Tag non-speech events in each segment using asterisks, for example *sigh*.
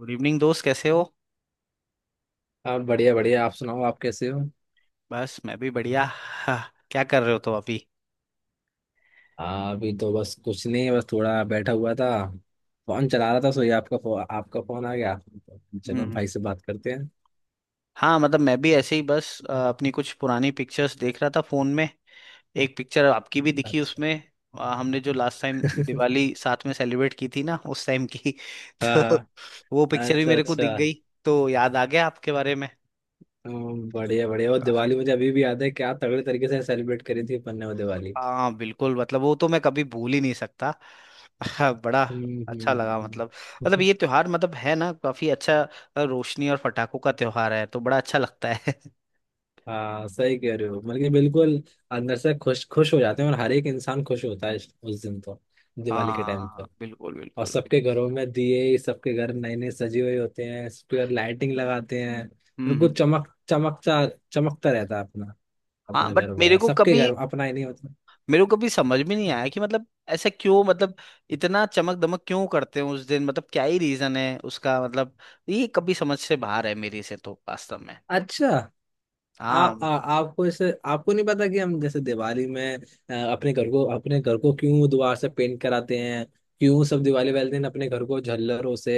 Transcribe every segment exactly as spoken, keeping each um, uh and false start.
Good evening दोस्त, कैसे हो? आप बढ़िया बढ़िया। आप सुनाओ। आप कैसे हो? बस मैं भी बढ़िया। हाँ, क्या कर रहे हो तो अभी? हाँ, अभी तो बस कुछ नहीं, बस थोड़ा बैठा हुआ था। फोन चला रहा था, सो ये आपका फो, आपका फोन आ गया। चलो भाई हम्म। से बात करते हैं। हाँ मतलब मैं भी ऐसे ही बस अ, अपनी कुछ पुरानी पिक्चर्स देख रहा था फोन में। एक पिक्चर आपकी भी दिखी अच्छा। उसमें। अ, हमने जो लास्ट टाइम *laughs* दिवाली साथ में सेलिब्रेट की थी ना, उस टाइम की। हाँ *laughs* तो हाँ। वो पिक्चर भी अच्छा मेरे को दिख अच्छा। गई। तो याद आ गया आपके बारे में। हम्म, बढ़िया बढ़िया। वो काफी। दिवाली मुझे अभी भी याद है। क्या तगड़े तरीके से सेलिब्रेट करी थी अपन ने वो दिवाली। हाँ बिल्कुल, मतलब वो तो मैं कभी भूल ही नहीं सकता। हाँ बड़ा हम्म अच्छा लगा हम्म। मतलब। मतलब हम्म। ये त्योहार मतलब है ना काफी अच्छा। अ, रोशनी और पटाखों का त्योहार है, तो बड़ा अच्छा लगता है। *laughs* *laughs* हाँ, सही कह रहे हो मतलब कि बिल्कुल। अंदर से खुश खुश हो जाते हैं, और हर एक इंसान खुश होता है इस- उस दिन तो। दिवाली के टाइम। हाँ बिल्कुल और बिल्कुल। सबके घरों में दिए, सबके घर नए नए सजे हुए होते हैं, सबके घर लाइटिंग लगाते हैं, हम्म बिल्कुल हम्म। चमक चमकता चमकता रहता है अपना। हाँ अपना घर बट मेरे वगैरह, को सबके कभी घर, अपना ही नहीं होता। मेरे को कभी समझ में नहीं आया कि मतलब ऐसा क्यों। मतलब इतना चमक दमक क्यों करते हैं उस दिन? मतलब क्या ही रीजन है उसका? मतलब ये कभी समझ से बाहर है मेरी से तो, वास्तव में। अच्छा। हाँ। आप आ, आपको ऐसे आपको नहीं पता कि हम जैसे दिवाली में अ, अपने घर को अपने घर को क्यों दोबारा से पेंट कराते हैं? क्यों सब दिवाली वाले दिन अपने घर को झल्लरों से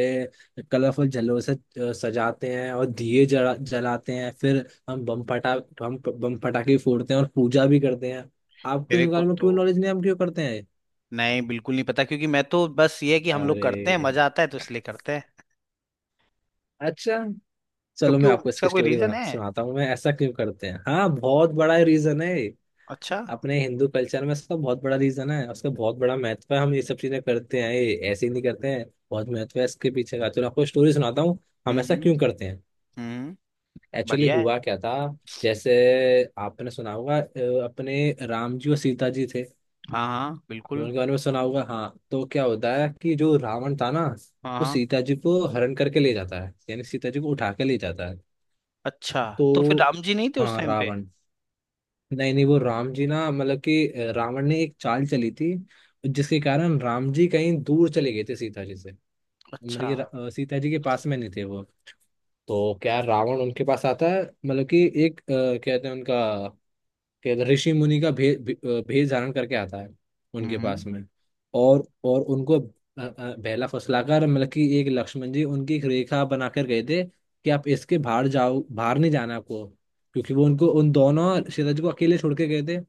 कलरफुल झल्लरों से अ, सजाते हैं, और दिए जला, जलाते हैं, फिर हम बम फटा हम बम पटाखे फोड़ते हैं और पूजा भी करते हैं। आपको मेरे इन को बारे में तो क्यों नॉलेज नहीं है, हम क्यों करते हैं? नहीं, बिल्कुल नहीं पता, क्योंकि मैं तो बस ये है कि हम लोग अरे। करते हैं, मजा आता है तो इसलिए करते हैं। अच्छा। तो चलो मैं क्यों, आपको इसका इसकी कोई स्टोरी रीजन बना है? सुनाता हूँ। मैं ऐसा क्यों करते हैं। हाँ, बहुत बड़ा रीजन है। अच्छा। अपने हिंदू कल्चर में इसका बहुत बड़ा रीजन है, उसका बहुत बड़ा महत्व है। हम ये सब चीजें करते हैं, ये ऐसे ही नहीं करते हैं। बहुत महत्व है इसके पीछे का। चलो आपको स्टोरी सुनाता हूँ। हम्म हम ऐसा हम्म। क्यों करते हैं। हम्म, एक्चुअली बढ़िया है। हुआ क्या था। जैसे आपने सुना होगा, अ, अपने राम जी और सीता जी थे। हाँ हाँ आपने बिल्कुल। उनके बारे में सुना होगा। हाँ, तो क्या होता है कि जो रावण था ना। हाँ वो हाँ। सीता जी को हरण करके ले जाता है, यानी सीता जी को उठा के ले जाता है। अच्छा, तो फिर तो। राम जी नहीं थे उस हाँ, टाइम पे? रावण। नहीं नहीं, वो राम जी ना, मतलब कि अ, रावण ने एक चाल चली थी। जिसके कारण राम जी कहीं दूर चले गए थे सीता जी से। मतलब अच्छा। कि रा- अ, सीता जी के पास में नहीं थे वो। तो क्या रावण उनके पास आता है, मतलब कि एक अ, कहते हैं उनका। कहते हैं ऋषि मुनि का भेष भे, अ, भेष धारण करके आता है। उनके हम्म। पास में। और और उनको अ, अ, बहला फुसलाकर, मतलब कि एक लक्ष्मण जी उनकी एक रेखा बनाकर गए थे, कि आप इसके बाहर जाओ, बाहर नहीं जाना आपको। क्योंकि वो उनको उन दोनों। सीता जी को अकेले छोड़ के गए थे।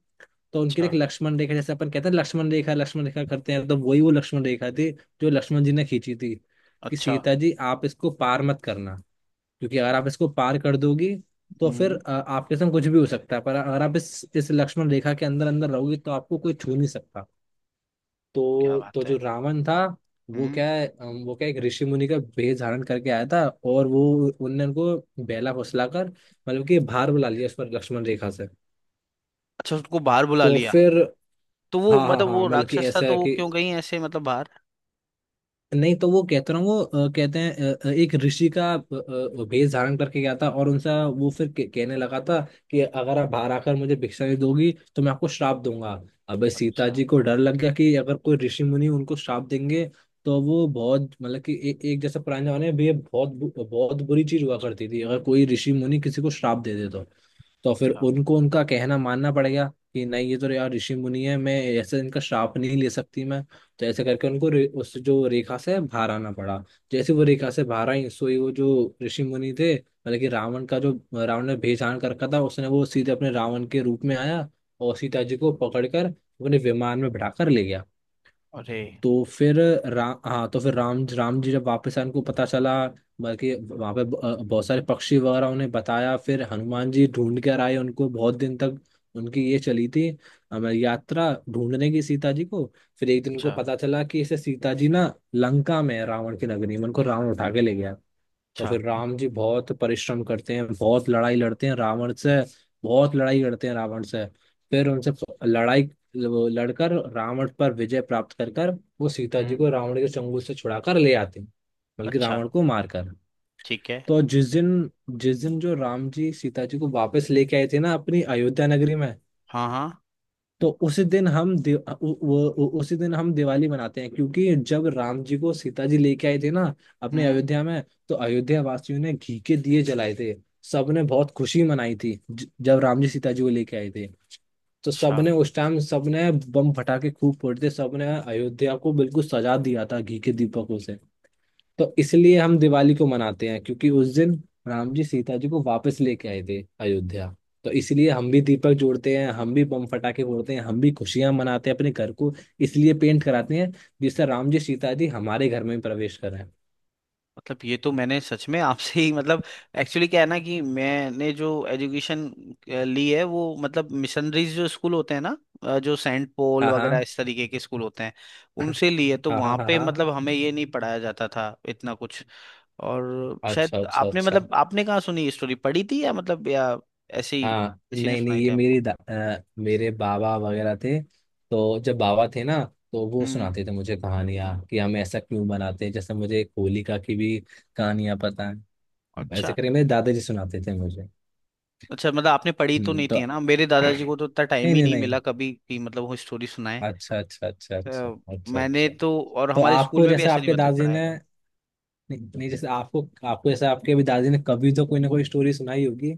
तो उनके अच्छा लिए एक लक्ष्मण रेखा, जैसे अपन कहते हैं लक्ष्मण रेखा लक्ष्मण रेखा करते हैं, तो वही वो लक्ष्मण रेखा थी। जो लक्ष्मण जी ने खींची थी। कि अच्छा। सीता जी आप इसको पार मत करना। क्योंकि अगर आप इसको पार कर दोगी, तो फिर हम्म। अ, आपके संग कुछ भी हो सकता है। पर अगर आप इस इस लक्ष्मण रेखा के अंदर अंदर रहोगी, तो आपको कोई छू नहीं सकता। क्या तो तो बात है। जो रावण था। वो हम्म। क्या है, अम, वो क्या एक ऋषि मुनि का भेष धारण करके आया था। और वो। उनने उनको बेला फुसलाकर, मतलब कि भार बुला लिया उस पर लक्ष्मण रेखा से। अच्छा, उसको बाहर बुला तो लिया? फिर। तो वो हाँ हाँ मतलब हाँ, वो मतलब कि राक्षस था, ऐसा तो है वो कि। क्यों गई ऐसे मतलब बाहर? नहीं तो वो कहते रहो वो, अ, कहते हैं अ, अ, एक ऋषि का अ, अ, वेश धारण करके गया था और उनसे। वो फिर के- कहने लगा था। कि अगर आप बाहर आकर मुझे भिक्षा नहीं दोगी, तो मैं आपको श्राप दूंगा। अबे, सीता अच्छा जी को डर लग गया कि अगर कोई ऋषि मुनि उनको श्राप देंगे। तो वो बहुत, मतलब कि ए, एक जैसे पुराने जमाने में भी ये बहुत बु- बहुत बुरी चीज हुआ करती थी, अगर कोई ऋषि मुनि किसी को श्राप दे दे तो। तो फिर अच्छा। उनको उनका कहना मानना पड़ गया। कि नहीं, ये तो यार ऋषि मुनि है। मैं ऐसे इनका श्राप नहीं ले सकती मैं। तो ऐसे करके उनको रे, उस जो रेखा से बाहर आना पड़ा। जैसे वो रेखा से बाहर आई, सोई वो जो। ऋषि मुनि थे, मतलब कि रावण का जो। रावण ने भेजान कर रखा था, उसने वो सीधे अपने रावण के रूप में आया। और सीता जी को पकड़कर अपने विमान में बिठाकर ले गया। अरे। तो फिर। राम हाँ, तो फिर राम राम जी जब वापस आए, उनको पता चला। बल्कि वहाँ पे ब- अ, बहुत सारे पक्षी वगैरह उन्हें बताया, फिर हनुमान जी ढूंढ कर आए उनको बहुत दिन तक। उनकी ये चली थी। अम, यात्रा ढूंढने की सीता जी को। फिर एक दिन अच्छा उनको पता चला कि इसे सीता जी ना लंका में है, रावण की नगरी में, उनको रावण उठा के ले गया। तो अच्छा। फिर राम जी बहुत परिश्रम करते हैं, बहुत लड़ाई लड़ते हैं रावण से। बहुत लड़ाई करते हैं रावण से। फिर उनसे प- लड़ाई। वो लड़कर रावण पर विजय प्राप्त कर कर वो सीता जी हम्म। को रावण के चंगुल से छुड़ाकर ले आते हैं। बल्कि अच्छा। रावण को मारकर। ठीक है। तो जिस दिन जिस दिन जो राम जी सीता जी को वापस लेके आए थे ना अपनी अयोध्या नगरी में। हाँ हाँ। तो उसी दिन हम दि, उ, वो- उ, उसी दिन हम दिवाली मनाते हैं, क्योंकि जब राम जी को सीता जी लेके आए थे ना अपने हम्म। अयोध्या में। तो अयोध्या वासियों ने घी के दिए जलाए थे। सबने बहुत खुशी मनाई थी, ज, जब राम जी सीता जी को लेके आए थे। तो अच्छा, सबने उस टाइम सबने बम फटाके खूब फोड़े थे सबने। अयोध्या को बिल्कुल सजा दिया था घी के दीपकों से। तो इसलिए हम दिवाली को मनाते हैं, क्योंकि उस दिन राम जी सीता जी को वापस लेके आए थे अयोध्या। तो इसलिए हम भी दीपक जोड़ते हैं, हम भी बम फटाके फोड़ते हैं, हम भी खुशियां मनाते हैं, अपने घर को इसलिए पेंट कराते हैं, जिससे राम जी सीता जी हमारे घर में प्रवेश करें। मतलब ये तो मैंने सच में आपसे ही मतलब। एक्चुअली क्या है ना कि मैंने जो एजुकेशन ली है, वो मतलब मिशनरीज जो स्कूल होते हैं ना, अ, जो सेंट पॉल हाँ वगैरह हाँ इस तरीके के स्कूल होते हैं, उनसे ली है। तो हाँ हाँ वहाँ हाँ पे हाँ। मतलब हमें ये नहीं पढ़ाया जाता था इतना कुछ। और शायद अच्छा अच्छा आपने अच्छा। मतलब आपने कहाँ सुनी ये स्टोरी, पढ़ी थी या मतलब, या ऐसे ही हाँ, किसी ने नहीं नहीं, सुनाई ये थी मेरी आपको? दा- अ, मेरे बाबा वगैरह थे। तो जब बाबा थे ना। तो वो हम्म। सुनाते थे मुझे कहानियाँ कि हम ऐसा क्यों बनाते हैं, जैसे मुझे एक होलिका की भी कहानियाँ पता है। ऐसे अच्छा करके मेरे दादाजी सुनाते थे मुझे। अच्छा मतलब आपने पढ़ी तो हम्म, नहीं थी, तो। है ना? मेरे *coughs* दादाजी को तो इतना टाइम नहीं ही नहीं नहीं मिला नहीं। कभी कि मतलब वो स्टोरी सुनाए। अच्छा अच्छा अच्छा अच्छा अ, अच्छा मैंने अच्छा। तो, और तो हमारे स्कूल आपको में भी जैसे ऐसे नहीं आपके बता दादाजी ने। पढ़ाएगा। नहीं, नहीं, जैसे आपको आपको जैसे आपके अभी दादाजी ने कभी तो कोई ना कोई स्टोरी सुनाई होगी।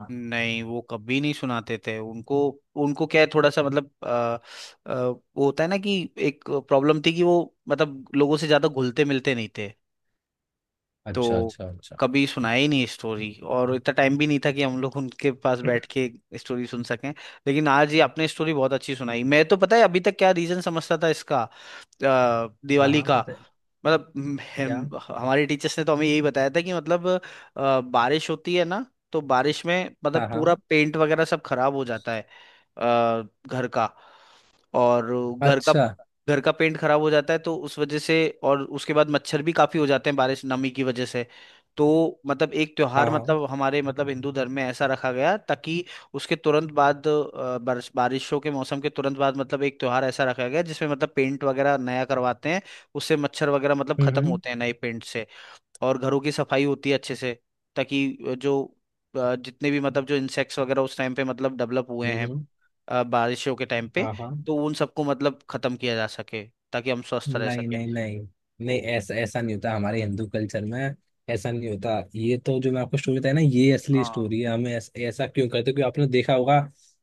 हाँ। नहीं, वो कभी नहीं सुनाते थे उनको। उनको क्या है, थोड़ा सा मतलब, अ, अ, वो होता है ना कि एक प्रॉब्लम थी कि वो मतलब लोगों से ज्यादा घुलते मिलते नहीं थे। अच्छा तो अच्छा अच्छा। कभी सुनाया ही नहीं स्टोरी, और इतना टाइम भी नहीं था कि हम लोग उनके पास बैठ *coughs* के स्टोरी सुन सकें। लेकिन आज ये आपने स्टोरी बहुत अच्छी सुनाई। मैं तो पता है अभी तक क्या रीजन समझता था इसका, अ, हाँ दिवाली हाँ, का। बताइए। मतलब हम, क्या? हम- हमारे टीचर्स ने तो हमें यही बताया था कि मतलब अ, बारिश होती है ना, तो बारिश में हाँ मतलब पूरा हाँ। पेंट वगैरह सब खराब हो जाता है। अ, घर का, और घर का अच्छा। घर का पेंट खराब हो जाता है, तो उस वजह से। और उसके बाद मच्छर भी काफी हो जाते हैं बारिश नमी की वजह से। तो मतलब एक त्योहार, हाँ हाँ। मतलब हमारे मतलब हिंदू धर्म में ऐसा रखा गया ताकि उसके तुरंत बाद अ, बारिश बारिशों के मौसम के तुरंत बाद मतलब एक त्योहार ऐसा रखा गया जिसमें मतलब पेंट वगैरह नया करवाते हैं। उससे मच्छर वगैरह मतलब हम्म खत्म हम्म होते हैं नए पेंट से। और घरों की सफाई होती है अच्छे से, ताकि जो अ, जितने भी मतलब जो इंसेक्ट्स वगैरह उस टाइम पे मतलब डेवलप हुए हम्म हैं, हम्म। अ, बारिशों के टाइम पे, हाँ हाँ। तो उन सबको मतलब खत्म किया जा सके, ताकि हम स्वस्थ रह नहीं सके नहीं नहीं। नहीं, ओ। ऐसा ऐसा नहीं होता हमारे हिंदू कल्चर में। ऐसा नहीं होता, ये तो जो मैं आपको स्टोरी बताया ना, ये असली हाँ स्टोरी है। हमें ऐस, ऐसा क्यों करते हैं? क्योंकि आपने देखा होगा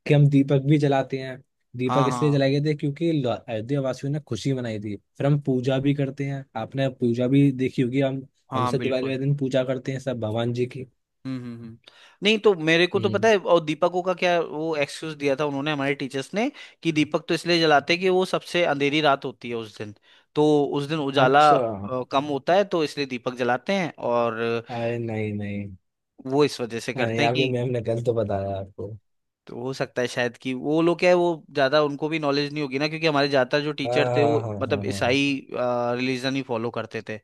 कि हम दीपक भी जलाते हैं। दीपक हाँ। इसलिए हाँ जलाए गए थे, क्योंकि ल- अयोध्या वासियों ने खुशी मनाई थी। फिर हम पूजा भी करते हैं, आपने पूजा भी देखी होगी। हम हाँ हमसे दिवाली बिल्कुल। वाले दिन पूजा करते हैं सब भगवान जी की। हम्म हम्म, हम्म। नहीं तो मेरे को तो पता हम्म। है, और दीपकों का क्या वो एक्सक्यूज दिया था उन्होंने, हमारे टीचर्स ने, कि दीपक तो इसलिए जलाते हैं कि वो सबसे अंधेरी रात होती है उस दिन। तो उस दिन उजाला अच्छा। अ, कम होता है, तो इसलिए दीपक जलाते हैं। और अरे नहीं नहीं। वो इस वजह से करते अरे, हैं आपकी कि, मैम ने गलत बताया आपको। तो हो सकता है शायद कि वो लोग क्या है, वो ज्यादा उनको भी नॉलेज नहीं होगी ना, क्योंकि हमारे ज्यादातर जो हाँ टीचर थे हाँ वो हाँ मतलब हाँ। ईसाई रिलीजन ही फॉलो करते थे।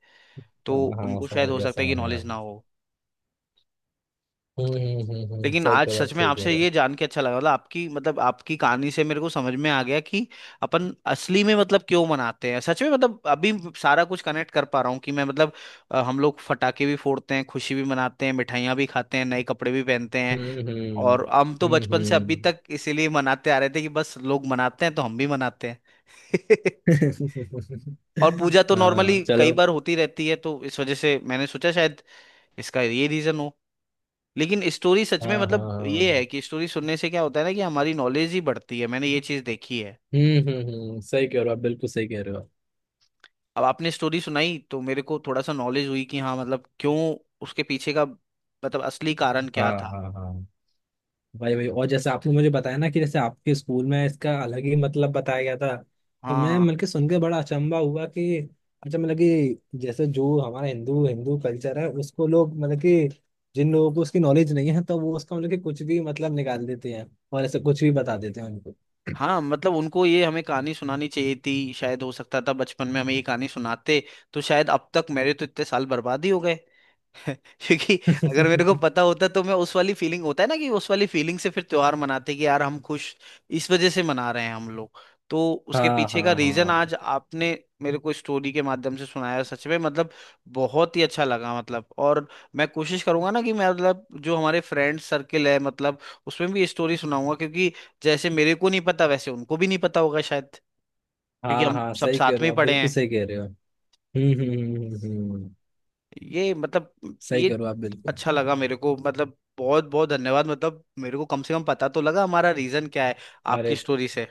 हाँ तो हाँ हाँ, उनको शायद समझ हो गया सकता है कि समझ गया। नॉलेज ना हो। हम्म हम्म हम्म हम्म। लेकिन सही कह आज रहे हो आप, सच में सही कह आपसे रहे हो। ये जान के अच्छा लगा, मतलब आपकी मतलब आपकी कहानी से मेरे को समझ में आ गया कि अपन असली में मतलब क्यों मनाते हैं। सच में मतलब अभी सारा कुछ कनेक्ट कर पा रहा हूँ कि मैं मतलब, अ, हम लोग फटाके भी फोड़ते हैं, खुशी भी मनाते हैं, मिठाइयाँ भी खाते हैं, नए कपड़े भी पहनते हैं। हम्म और हम तो हम्म बचपन से हम्म अभी हम्म। तक इसीलिए मनाते आ रहे थे कि बस लोग मनाते हैं तो हम भी मनाते हैं। *laughs* *laughs* और पूजा तो नॉर्मली हाँ, कई चलो। बार होती रहती है, तो इस वजह से मैंने सोचा शायद इसका ये रीजन हो। लेकिन स्टोरी सच में हाँ हाँ मतलब ये है हाँ। कि स्टोरी सुनने से क्या होता है ना कि हमारी नॉलेज ही बढ़ती है, मैंने ये चीज देखी है। हम्म हम्म हम्म। सही कह रहे हो आप, बिल्कुल सही कह रहे हो आप। अब आपने स्टोरी सुनाई तो मेरे को थोड़ा सा नॉलेज हुई कि हाँ मतलब क्यों, उसके पीछे का मतलब असली कारण क्या हाँ था। हाँ हाँ। भाई भाई, और जैसे आपने मुझे बताया ना कि जैसे आपके स्कूल में इसका अलग ही मतलब बताया गया था, तो हाँ मैं हाँ मतलब कि सुन के बड़ा अचंभा हुआ कि अच्छा, मतलब कि जैसे जो हमारा हिंदू हिंदू कल्चर है, उसको लोग मतलब कि जिन लोगों को उसकी नॉलेज नहीं है, तो वो उसका मतलब कि कुछ भी मतलब निकाल देते हैं, और ऐसे कुछ भी बता देते हैं उनको। हाँ, मतलब उनको, ये हमें कहानी सुनानी चाहिए थी शायद। हो सकता था बचपन में हमें ये कहानी सुनाते तो शायद, अब तक मेरे तो इतने साल बर्बाद ही हो गए, क्योंकि अगर मेरे को *laughs* पता होता तो मैं उस वाली फीलिंग होता है ना कि उस वाली फीलिंग से फिर त्योहार मनाते कि यार हम खुश इस वजह से मना रहे हैं हम लोग। तो उसके हाँ पीछे का हाँ रीजन हाँ आज आपने मेरे को स्टोरी के माध्यम से सुनाया, सच में मतलब बहुत ही अच्छा लगा मतलब। और मैं कोशिश करूंगा ना कि मैं मतलब जो हमारे फ्रेंड सर्किल है मतलब, उसमें भी ये स्टोरी सुनाऊंगा, क्योंकि जैसे मेरे को नहीं पता वैसे उनको भी नहीं पता होगा शायद, क्योंकि हाँ हम हाँ। सब सही कह साथ रहे में हो ही आप, पढ़े बिल्कुल हैं। सही कह रहे हो। हम्म हम्म हम्म हम्म, हम्म। ये मतलब सही कह ये रहे हो आप, बिल्कुल। अच्छा लगा मेरे को, मतलब बहुत बहुत धन्यवाद। मतलब मेरे को कम से कम पता तो लगा हमारा रीजन क्या है, आपकी अरे, स्टोरी से।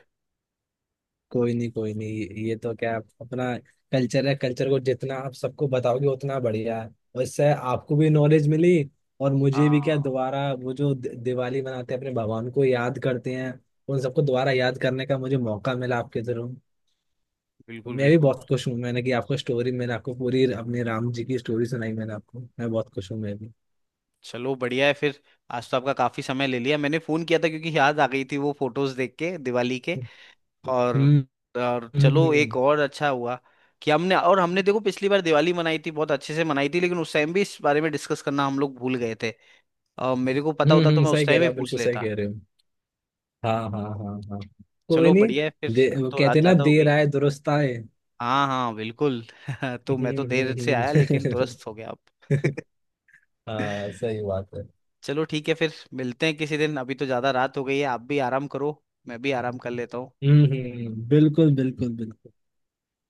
कोई नहीं कोई नहीं, ये ये तो क्या अपना कल्चर है। कल्चर को जितना आप सबको बताओगे, उतना बढ़िया है। और इससे आपको भी नॉलेज मिली। और मुझे भी क्या हाँ दोबारा वो जो दि- दिवाली मनाते हैं, अपने भगवान को याद करते हैं, उन सबको दोबारा याद करने का मुझे मौका मिला आपके थ्रू। बिल्कुल मैं भी बिल्कुल। बहुत खुश हूँ, मैंने कि आपको स्टोरी मैंने आपको पूरी अपने राम जी की स्टोरी सुनाई मैंने आपको। मैं बहुत खुश हूँ मैं भी। चलो बढ़िया है फिर। आज तो आपका काफी समय ले लिया, मैंने फोन किया था क्योंकि याद आ गई थी, वो फोटोज देख के दिवाली के। और हम्म और हम्म हम्म चलो हम्म, एक और अच्छा हुआ कि हमने, और हमने देखो पिछली बार दिवाली मनाई थी, बहुत अच्छे से मनाई थी, लेकिन उस टाइम भी इस बारे में डिस्कस करना हम लोग भूल गए थे। अ, मेरे को पता हम्म, होता तो हम्म। मैं उस सही कह टाइम रहे ही हो आप, पूछ बिल्कुल सही लेता। कह रहे हो। हाँ हाँ हाँ हाँ। कोई चलो नहीं। बढ़िया है फिर, दे, अब वो तो कहते रात हैं ना, ज्यादा हो देर गई। आए दुरुस्त आए। हाँ हाँ बिल्कुल। *laughs* तो मैं तो हम्म, देर से हम्म, आया, लेकिन दुरुस्त हो गया अब। हम्म। *laughs* हाँ, सही बात है। *laughs* चलो ठीक है फिर, मिलते हैं किसी दिन। अभी तो ज्यादा रात हो गई है, आप भी आराम करो, मैं भी आराम कर लेता हूँ। हम्म हम्म, बिल्कुल बिल्कुल बिल्कुल।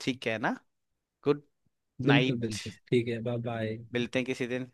ठीक है ना? गुड बिल्कुल नाइट। बिल्कुल ठीक है। Bye bye. मिलते हैं किसी दिन।